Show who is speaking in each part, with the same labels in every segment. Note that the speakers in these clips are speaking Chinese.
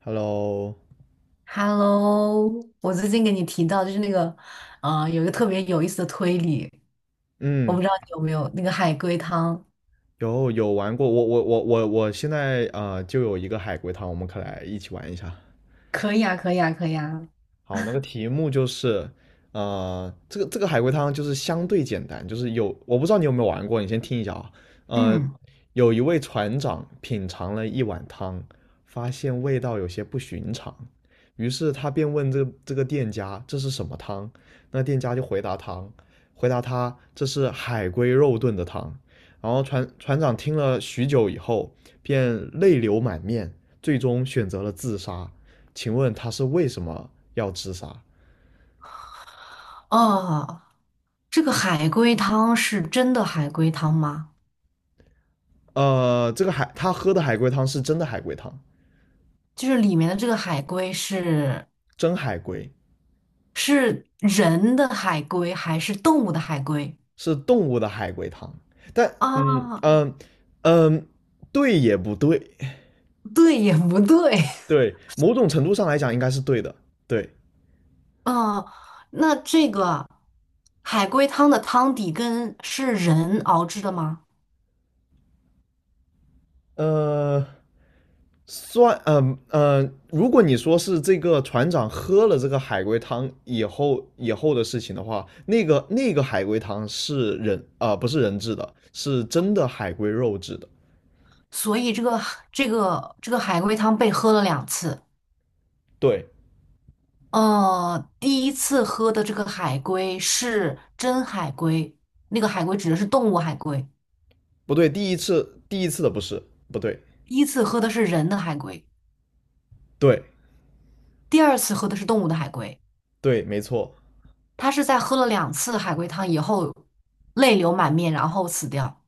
Speaker 1: Hello，
Speaker 2: Hello，我最近给你提到就是那个，有一个特别有意思的推理，我不
Speaker 1: 嗯，
Speaker 2: 知道你有没有那个海龟汤。
Speaker 1: 有玩过，我现在就有一个海龟汤，我们可来一起玩一下。
Speaker 2: 可以啊，可以啊，可以啊。
Speaker 1: 好，那个题目就是，这个海龟汤就是相对简单，就是有我不知道你有没有玩过，你先听一下啊。呃，
Speaker 2: 嗯，
Speaker 1: 有一位船长品尝了一碗汤，发现味道有些不寻常，于是他便问这个店家这是什么汤，那店家就回答汤，回答他这是海龟肉炖的汤。然后船长听了许久以后，便泪流满面，最终选择了自杀。请问他是为什么要自杀？
Speaker 2: 哦，这个海龟汤是真的海龟汤吗？
Speaker 1: 这个海他喝的海龟汤是真的海龟汤，
Speaker 2: 就是里面的这个海龟是
Speaker 1: 真海龟
Speaker 2: 是人的海龟还是动物的海龟？
Speaker 1: 是动物的海龟汤，但
Speaker 2: 啊，
Speaker 1: 嗯，对也不对，
Speaker 2: 对也不对。
Speaker 1: 对，某种程度上来讲应该是对的，对，
Speaker 2: 啊？那这个海龟汤的汤底跟是人熬制的吗？
Speaker 1: 呃，算，如果你说是这个船长喝了这个海龟汤以后的事情的话，那个海龟汤是不是人制的，是真的海龟肉制的，
Speaker 2: 所以这个海龟汤被喝了两次。
Speaker 1: 对，
Speaker 2: 第一次喝的这个海龟是真海龟，那个海龟指的是动物海龟。
Speaker 1: 不对，第一次的不是，不对，
Speaker 2: 第一次喝的是人的海龟，
Speaker 1: 对
Speaker 2: 第二次喝的是动物的海龟。
Speaker 1: 对，没错，
Speaker 2: 他是在喝了两次海龟汤以后，泪流满面，然后死掉。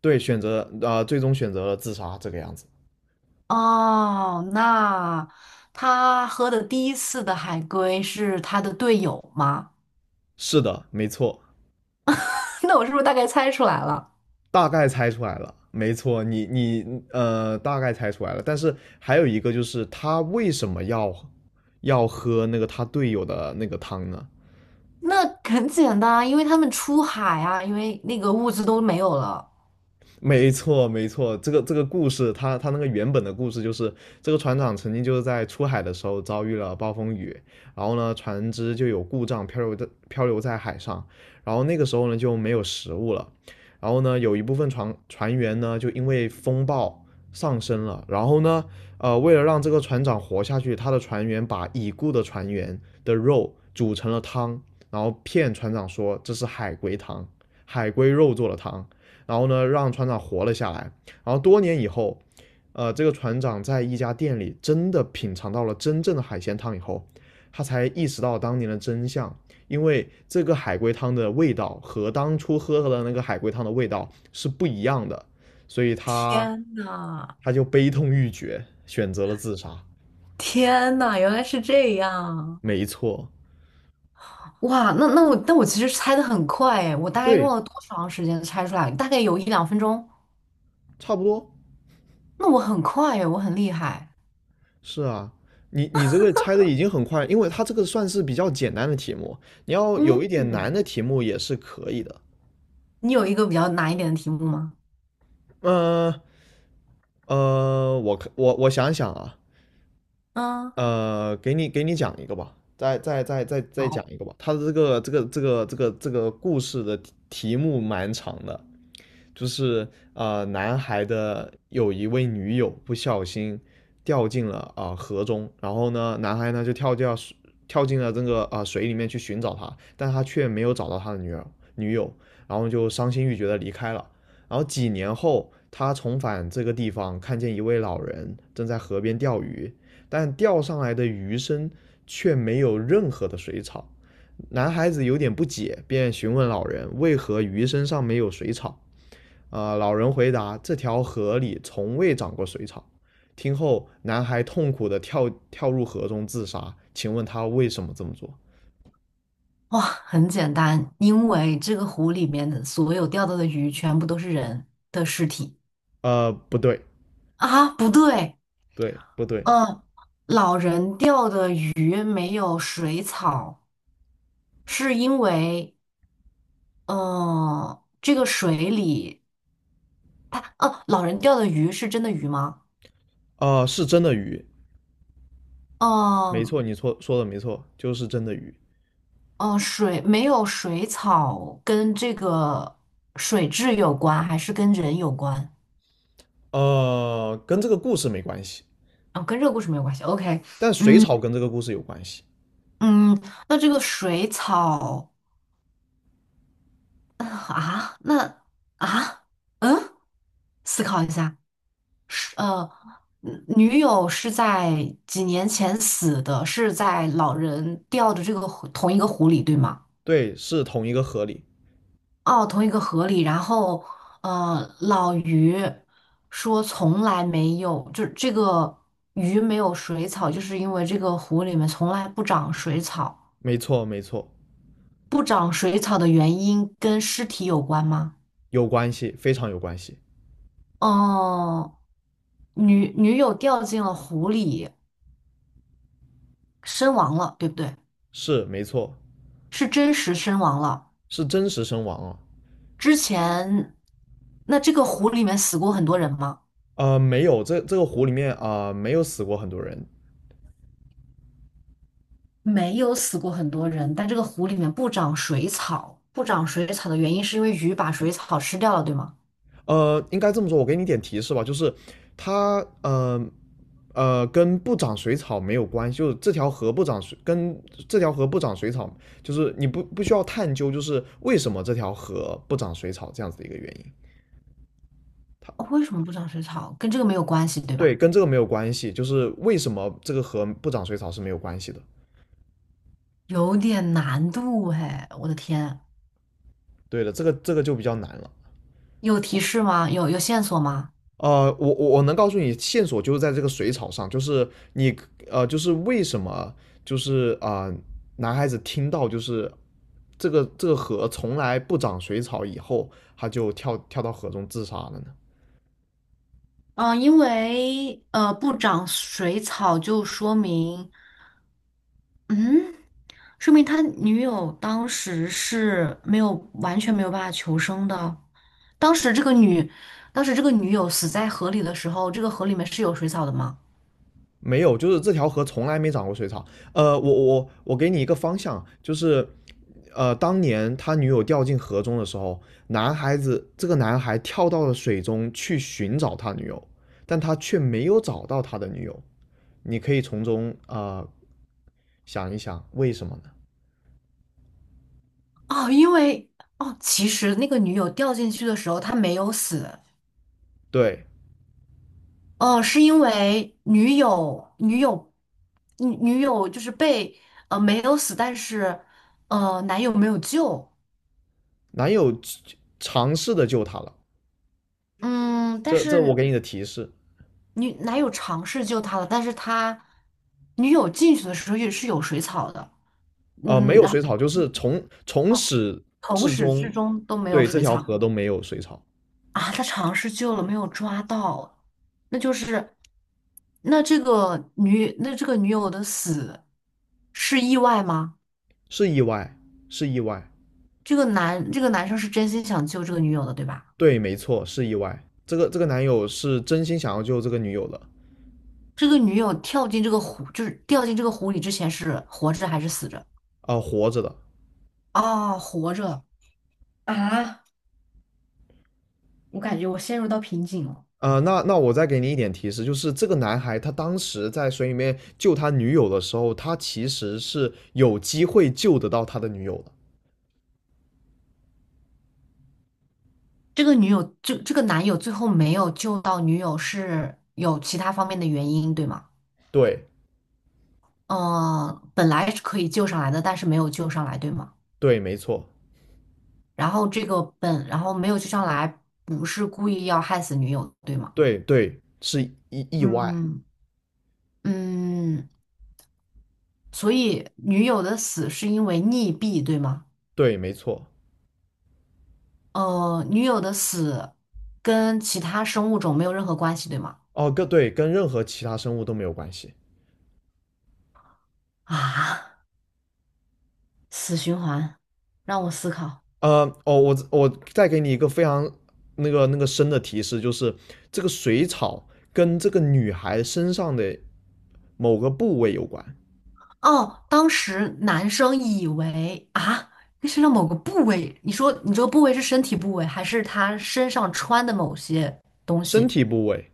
Speaker 1: 对，选择最终选择了自杀这个样子。
Speaker 2: 哦，那他喝的第一次的海龟是他的队友吗？
Speaker 1: 是的，没错，
Speaker 2: 那我是不是大概猜出来了？
Speaker 1: 大概猜出来了，没错，你大概猜出来了。但是还有一个就是他为什么要要喝那个他队友的那个汤呢？
Speaker 2: 那很简单啊，因为他们出海啊，因为那个物资都没有了。
Speaker 1: 没错，没错，这个这个故事，它那个原本的故事就是这个船长曾经就是在出海的时候遭遇了暴风雨，然后呢，船只就有故障漂流在海上，然后那个时候呢就没有食物了，然后呢，有一部分船员呢就因为风暴上升了，然后呢，为了让这个船长活下去，他的船员把已故的船员的肉煮成了汤，然后骗船长说这是海龟汤，海龟肉做的汤。然后呢，让船长活了下来。然后多年以后，这个船长在一家店里真的品尝到了真正的海鲜汤以后，他才意识到当年的真相，因为这个海龟汤的味道和当初喝的那个海龟汤的味道是不一样的，所以他
Speaker 2: 天呐，
Speaker 1: 他就悲痛欲绝，选择了自杀。
Speaker 2: 天呐，原来是这样！
Speaker 1: 没错，
Speaker 2: 哇，那那我其实猜的很快哎，我大概用
Speaker 1: 对，
Speaker 2: 了多长时间猜出来？大概有一两分钟。
Speaker 1: 差不多。
Speaker 2: 那我很快哎，我很厉害。
Speaker 1: 是啊，你这个猜的已经很快，因为它这个算是比较简单的题目，你要
Speaker 2: 嗯，
Speaker 1: 有一点难的题目也是可以的。
Speaker 2: 你有一个比较难一点的题目吗？
Speaker 1: 嗯呃，呃我可我我想想啊，
Speaker 2: 嗯，
Speaker 1: 给你讲一个吧，再讲
Speaker 2: 好，
Speaker 1: 一个吧。它的这个故事的题目蛮长的，就是男孩的有一位女友不小心掉进了河中，然后呢，男孩呢就跳进了这个水里面去寻找她，但他却没有找到他的女友，然后就伤心欲绝的离开了。然后几年后，他重返这个地方，看见一位老人正在河边钓鱼，但钓上来的鱼身却没有任何的水草。男孩子有点不解，便询问老人为何鱼身上没有水草。老人回答：“这条河里从未长过水草。”听后，男孩痛苦地跳入河中自杀。请问他为什么这么做？
Speaker 2: 哇，很简单，因为这个湖里面的所有钓到的鱼全部都是人的尸体
Speaker 1: 不对，
Speaker 2: 啊！不对，
Speaker 1: 对，不对，
Speaker 2: 嗯，老人钓的鱼没有水草，是因为，嗯，这个水里，它，哦，老人钓的鱼是真的鱼吗？
Speaker 1: 是真的鱼，没
Speaker 2: 嗯
Speaker 1: 错，你错说的没错，就是真的鱼。
Speaker 2: 嗯，水没有水草跟这个水质有关，还是跟人有关？
Speaker 1: 跟这个故事没关系，
Speaker 2: 哦，跟这个故事没有关系。OK,
Speaker 1: 但水
Speaker 2: 嗯
Speaker 1: 草跟这个故事有关系。
Speaker 2: 嗯，那这个水草呃啊，那啊，嗯，思考一下。是女友是在几年前死的，是在老人掉的这个湖同一个湖里，对吗？
Speaker 1: 对，是同一个河里，
Speaker 2: 哦，同一个河里。然后，老于说从来没有，就是这个鱼没有水草，就是因为这个湖里面从来不长水草。
Speaker 1: 没错，没错，
Speaker 2: 不长水草的原因跟尸体有关吗？
Speaker 1: 有关系，非常有关系，
Speaker 2: 哦，女友掉进了湖里，身亡了，对不对？
Speaker 1: 是没错，
Speaker 2: 是真实身亡了。
Speaker 1: 是真实身亡啊。
Speaker 2: 之前，那这个湖里面死过很多人吗？
Speaker 1: 没有，这这个湖里面没有死过很多人。
Speaker 2: 没有死过很多人，但这个湖里面不长水草，不长水草的原因是因为鱼把水草吃掉了，对吗？
Speaker 1: 应该这么说，我给你点提示吧，就是它，呃跟不长水草没有关系，就是这条河不长水，跟这条河不长水草，就是你不需要探究，就是为什么这条河不长水草这样子的一个原因。它
Speaker 2: 哦为什么不长水草？跟这个没有关系，对
Speaker 1: 对，
Speaker 2: 吧？
Speaker 1: 跟这个没有关系，就是为什么这个河不长水草是没有关系的。
Speaker 2: 有点难度哎，我的天，
Speaker 1: 对的，这个这个就比较难了。
Speaker 2: 有提示吗？有线索吗？
Speaker 1: 我能告诉你线索就是在这个水草上，就是你就是为什么就是男孩子听到就是这个河从来不长水草以后，他就跳到河中自杀了呢？
Speaker 2: 嗯，因为不长水草就说明，嗯，说明他的女友当时是没有完全没有办法求生的。当时这个女，当时这个女友死在河里的时候，这个河里面是有水草的吗？
Speaker 1: 没有，就是这条河从来没长过水草。我给你一个方向，就是当年他女友掉进河中的时候，男孩子这个男孩跳到了水中去寻找他女友，但他却没有找到他的女友。你可以从中想一想为什么呢？
Speaker 2: 哦，因为哦，其实那个女友掉进去的时候她没有死，
Speaker 1: 对，
Speaker 2: 哦，是因为女友就是被没有死，但是男友没有救。
Speaker 1: 男友尝试的救她了，
Speaker 2: 嗯，但
Speaker 1: 这这我
Speaker 2: 是
Speaker 1: 给你的提示，
Speaker 2: 男友尝试救她了，但是他女友进去的时候也是有水草的，
Speaker 1: 没
Speaker 2: 嗯，
Speaker 1: 有
Speaker 2: 然
Speaker 1: 水草，就是从从
Speaker 2: 后哦，
Speaker 1: 始
Speaker 2: 从
Speaker 1: 至
Speaker 2: 始
Speaker 1: 终，
Speaker 2: 至终都没有
Speaker 1: 对这
Speaker 2: 水
Speaker 1: 条
Speaker 2: 草
Speaker 1: 河都没有水草，
Speaker 2: 啊，他尝试救了，没有抓到，那就是那这个女那这个女友的死是意外吗？
Speaker 1: 是意外，是意外，
Speaker 2: 这个男生是真心想救这个女友的，对吧？
Speaker 1: 对，没错，是意外。这个这个男友是真心想要救这个女友的，
Speaker 2: 这个女友跳进这个湖，就是掉进这个湖里之前是活着还是死着？
Speaker 1: 活着的。
Speaker 2: 哦，活着啊！我感觉我陷入到瓶颈了。
Speaker 1: 那我再给你一点提示，就是这个男孩他当时在水里面救他女友的时候，他其实是有机会救得到他的女友的。
Speaker 2: 这个女友，这这个男友最后没有救到女友，是有其他方面的原因，对吗？
Speaker 1: 对
Speaker 2: 嗯，本来是可以救上来的，但是没有救上来，对吗？
Speaker 1: 对，没错，
Speaker 2: 然后这个本，然后没有救上来，不是故意要害死女友，对吗？
Speaker 1: 对对，是意外，
Speaker 2: 嗯嗯，所以女友的死是因为溺毙，对吗？
Speaker 1: 对，没错。
Speaker 2: 女友的死跟其他生物种没有任何关系，对吗？
Speaker 1: 哦，跟对跟任何其他生物都没有关系。
Speaker 2: 啊，死循环，让我思考。
Speaker 1: 呃，哦，我我再给你一个非常那个深的提示，就是这个水草跟这个女孩身上的某个部位有关，
Speaker 2: 哦，当时男生以为啊，那身上某个部位，你说你这个部位是身体部位，还是他身上穿的某些东
Speaker 1: 身
Speaker 2: 西？
Speaker 1: 体部位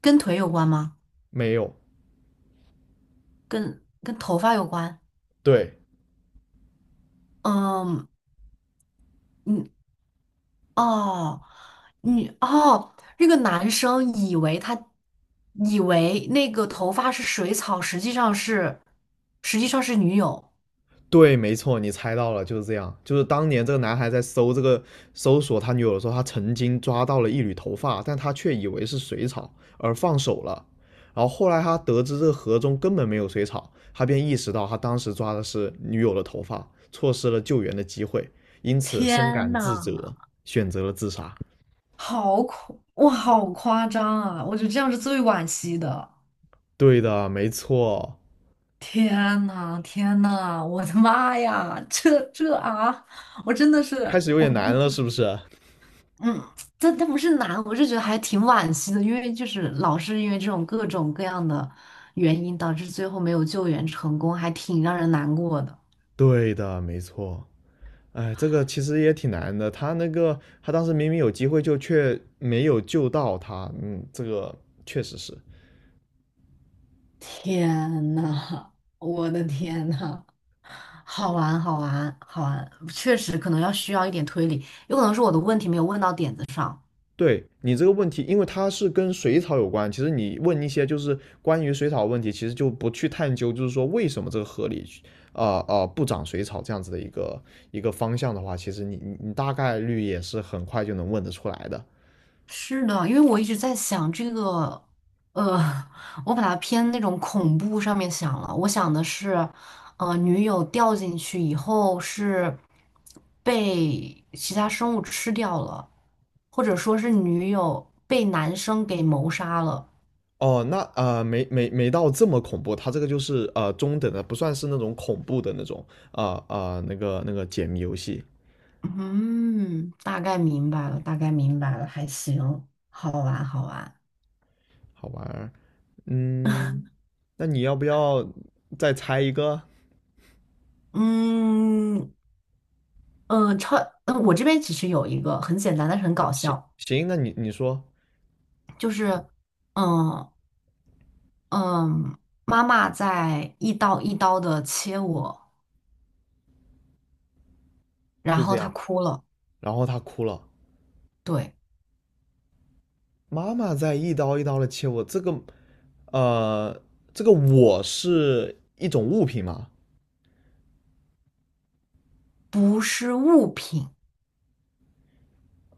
Speaker 2: 跟腿有关吗？
Speaker 1: 没有。
Speaker 2: 跟头发有关？
Speaker 1: 对，
Speaker 2: 嗯，你哦，你哦，那个男生以为那个头发是水草，实际上是女友。
Speaker 1: 对，没错，你猜到了，就是这样。就是当年这个男孩在搜搜索他女友的时候，他曾经抓到了一缕头发，但他却以为是水草而放手了。然后后来他得知这个河中根本没有水草，他便意识到他当时抓的是女友的头发，错失了救援的机会，因此深
Speaker 2: 天
Speaker 1: 感自
Speaker 2: 呐，
Speaker 1: 责，选择了自杀。
Speaker 2: 好恐，哇，好夸张啊！我觉得这样是最惋惜的。
Speaker 1: 对的，没错。
Speaker 2: 天呐，天呐，我的妈呀，这啊，我真的
Speaker 1: 开
Speaker 2: 是，
Speaker 1: 始有
Speaker 2: 我
Speaker 1: 点难了，是不是？
Speaker 2: 嗯，这不是难，我是觉得还挺惋惜的，因为就是老是因为这种各种各样的原因，导致最后没有救援成功，还挺让人难过的。
Speaker 1: 对的，没错。哎，这个其实也挺难的。他那个，他当时明明有机会，就却没有救到他。嗯，这个确实是。
Speaker 2: 天呐，我的天呐，好玩，好玩，好玩，确实可能要需要一点推理，有可能是我的问题没有问到点子上。
Speaker 1: 对你这个问题，因为它是跟水草有关。其实你问一些就是关于水草的问题，其实就不去探究，就是说为什么这个河里，不长水草这样子的一个方向的话，其实你大概率也是很快就能问得出来的。
Speaker 2: 是的，因为我一直在想这个，呃，我把它偏那种恐怖上面想了。我想的是，女友掉进去以后是被其他生物吃掉了，或者说是女友被男生给谋杀了。
Speaker 1: 哦，那没到这么恐怖，它这个就是中等的，不算是那种恐怖的那种那个解谜游戏，
Speaker 2: 嗯，大概明白了，大概明白了，还行，好玩，好玩。
Speaker 1: 好玩儿。嗯，那你要不要再猜一个？
Speaker 2: 嗯，呃，超，我这边其实有一个很简单，但是很搞
Speaker 1: 行
Speaker 2: 笑，
Speaker 1: 行，那你你说
Speaker 2: 就是。嗯，嗯，妈妈在一刀一刀的切我，然
Speaker 1: 就这
Speaker 2: 后她
Speaker 1: 样。
Speaker 2: 哭了。
Speaker 1: 然后他哭了，
Speaker 2: 对，
Speaker 1: 妈妈在一刀一刀的切我。这个呃，这个我是一种物品吗？
Speaker 2: 不是物品，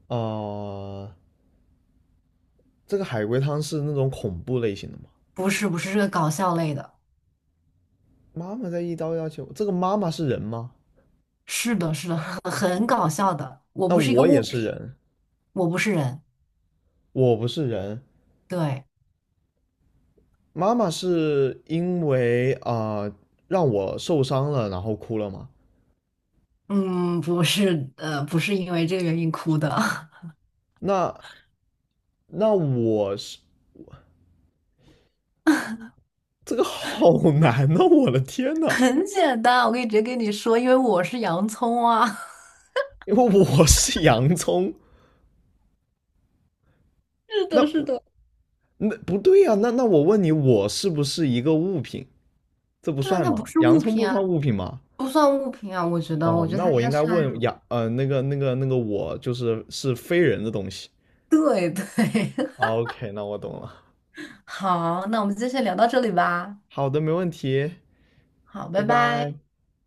Speaker 1: 呃，这个海龟汤是那种恐怖类型的吗？
Speaker 2: 不是不是这个搞笑类的，
Speaker 1: 妈妈在一刀一刀切我，这个妈妈是人吗？
Speaker 2: 是的，是的，很搞笑的。我
Speaker 1: 那
Speaker 2: 不是一个
Speaker 1: 我
Speaker 2: 物
Speaker 1: 也是
Speaker 2: 品，
Speaker 1: 人，
Speaker 2: 我不是人。
Speaker 1: 我不是人。
Speaker 2: 对，
Speaker 1: 妈妈是因为让我受伤了，然后哭了嘛。
Speaker 2: 嗯，不是，不是因为这个原因哭的，
Speaker 1: 那那我是这个好难呐、我的天 呐，
Speaker 2: 很简单，我可以直接跟你说，因为我是洋葱啊。
Speaker 1: 因为我是洋葱，
Speaker 2: 是的，是
Speaker 1: 那
Speaker 2: 的。
Speaker 1: 那不对呀、那我问你，我是不是一个物品？这不
Speaker 2: 对啊，
Speaker 1: 算
Speaker 2: 它不
Speaker 1: 吗？
Speaker 2: 是
Speaker 1: 洋
Speaker 2: 物
Speaker 1: 葱
Speaker 2: 品
Speaker 1: 不算
Speaker 2: 啊，
Speaker 1: 物品吗？
Speaker 2: 不算物品啊，我
Speaker 1: 哦，
Speaker 2: 觉得
Speaker 1: 那
Speaker 2: 它应
Speaker 1: 我
Speaker 2: 该
Speaker 1: 应该
Speaker 2: 算那
Speaker 1: 问
Speaker 2: 种。
Speaker 1: 那个我就是是非人的东西。
Speaker 2: 对对。
Speaker 1: OK，那我懂了。
Speaker 2: 好，那我们今天先聊到这里吧。
Speaker 1: 好的，没问题。
Speaker 2: 好，
Speaker 1: 拜
Speaker 2: 拜拜。
Speaker 1: 拜。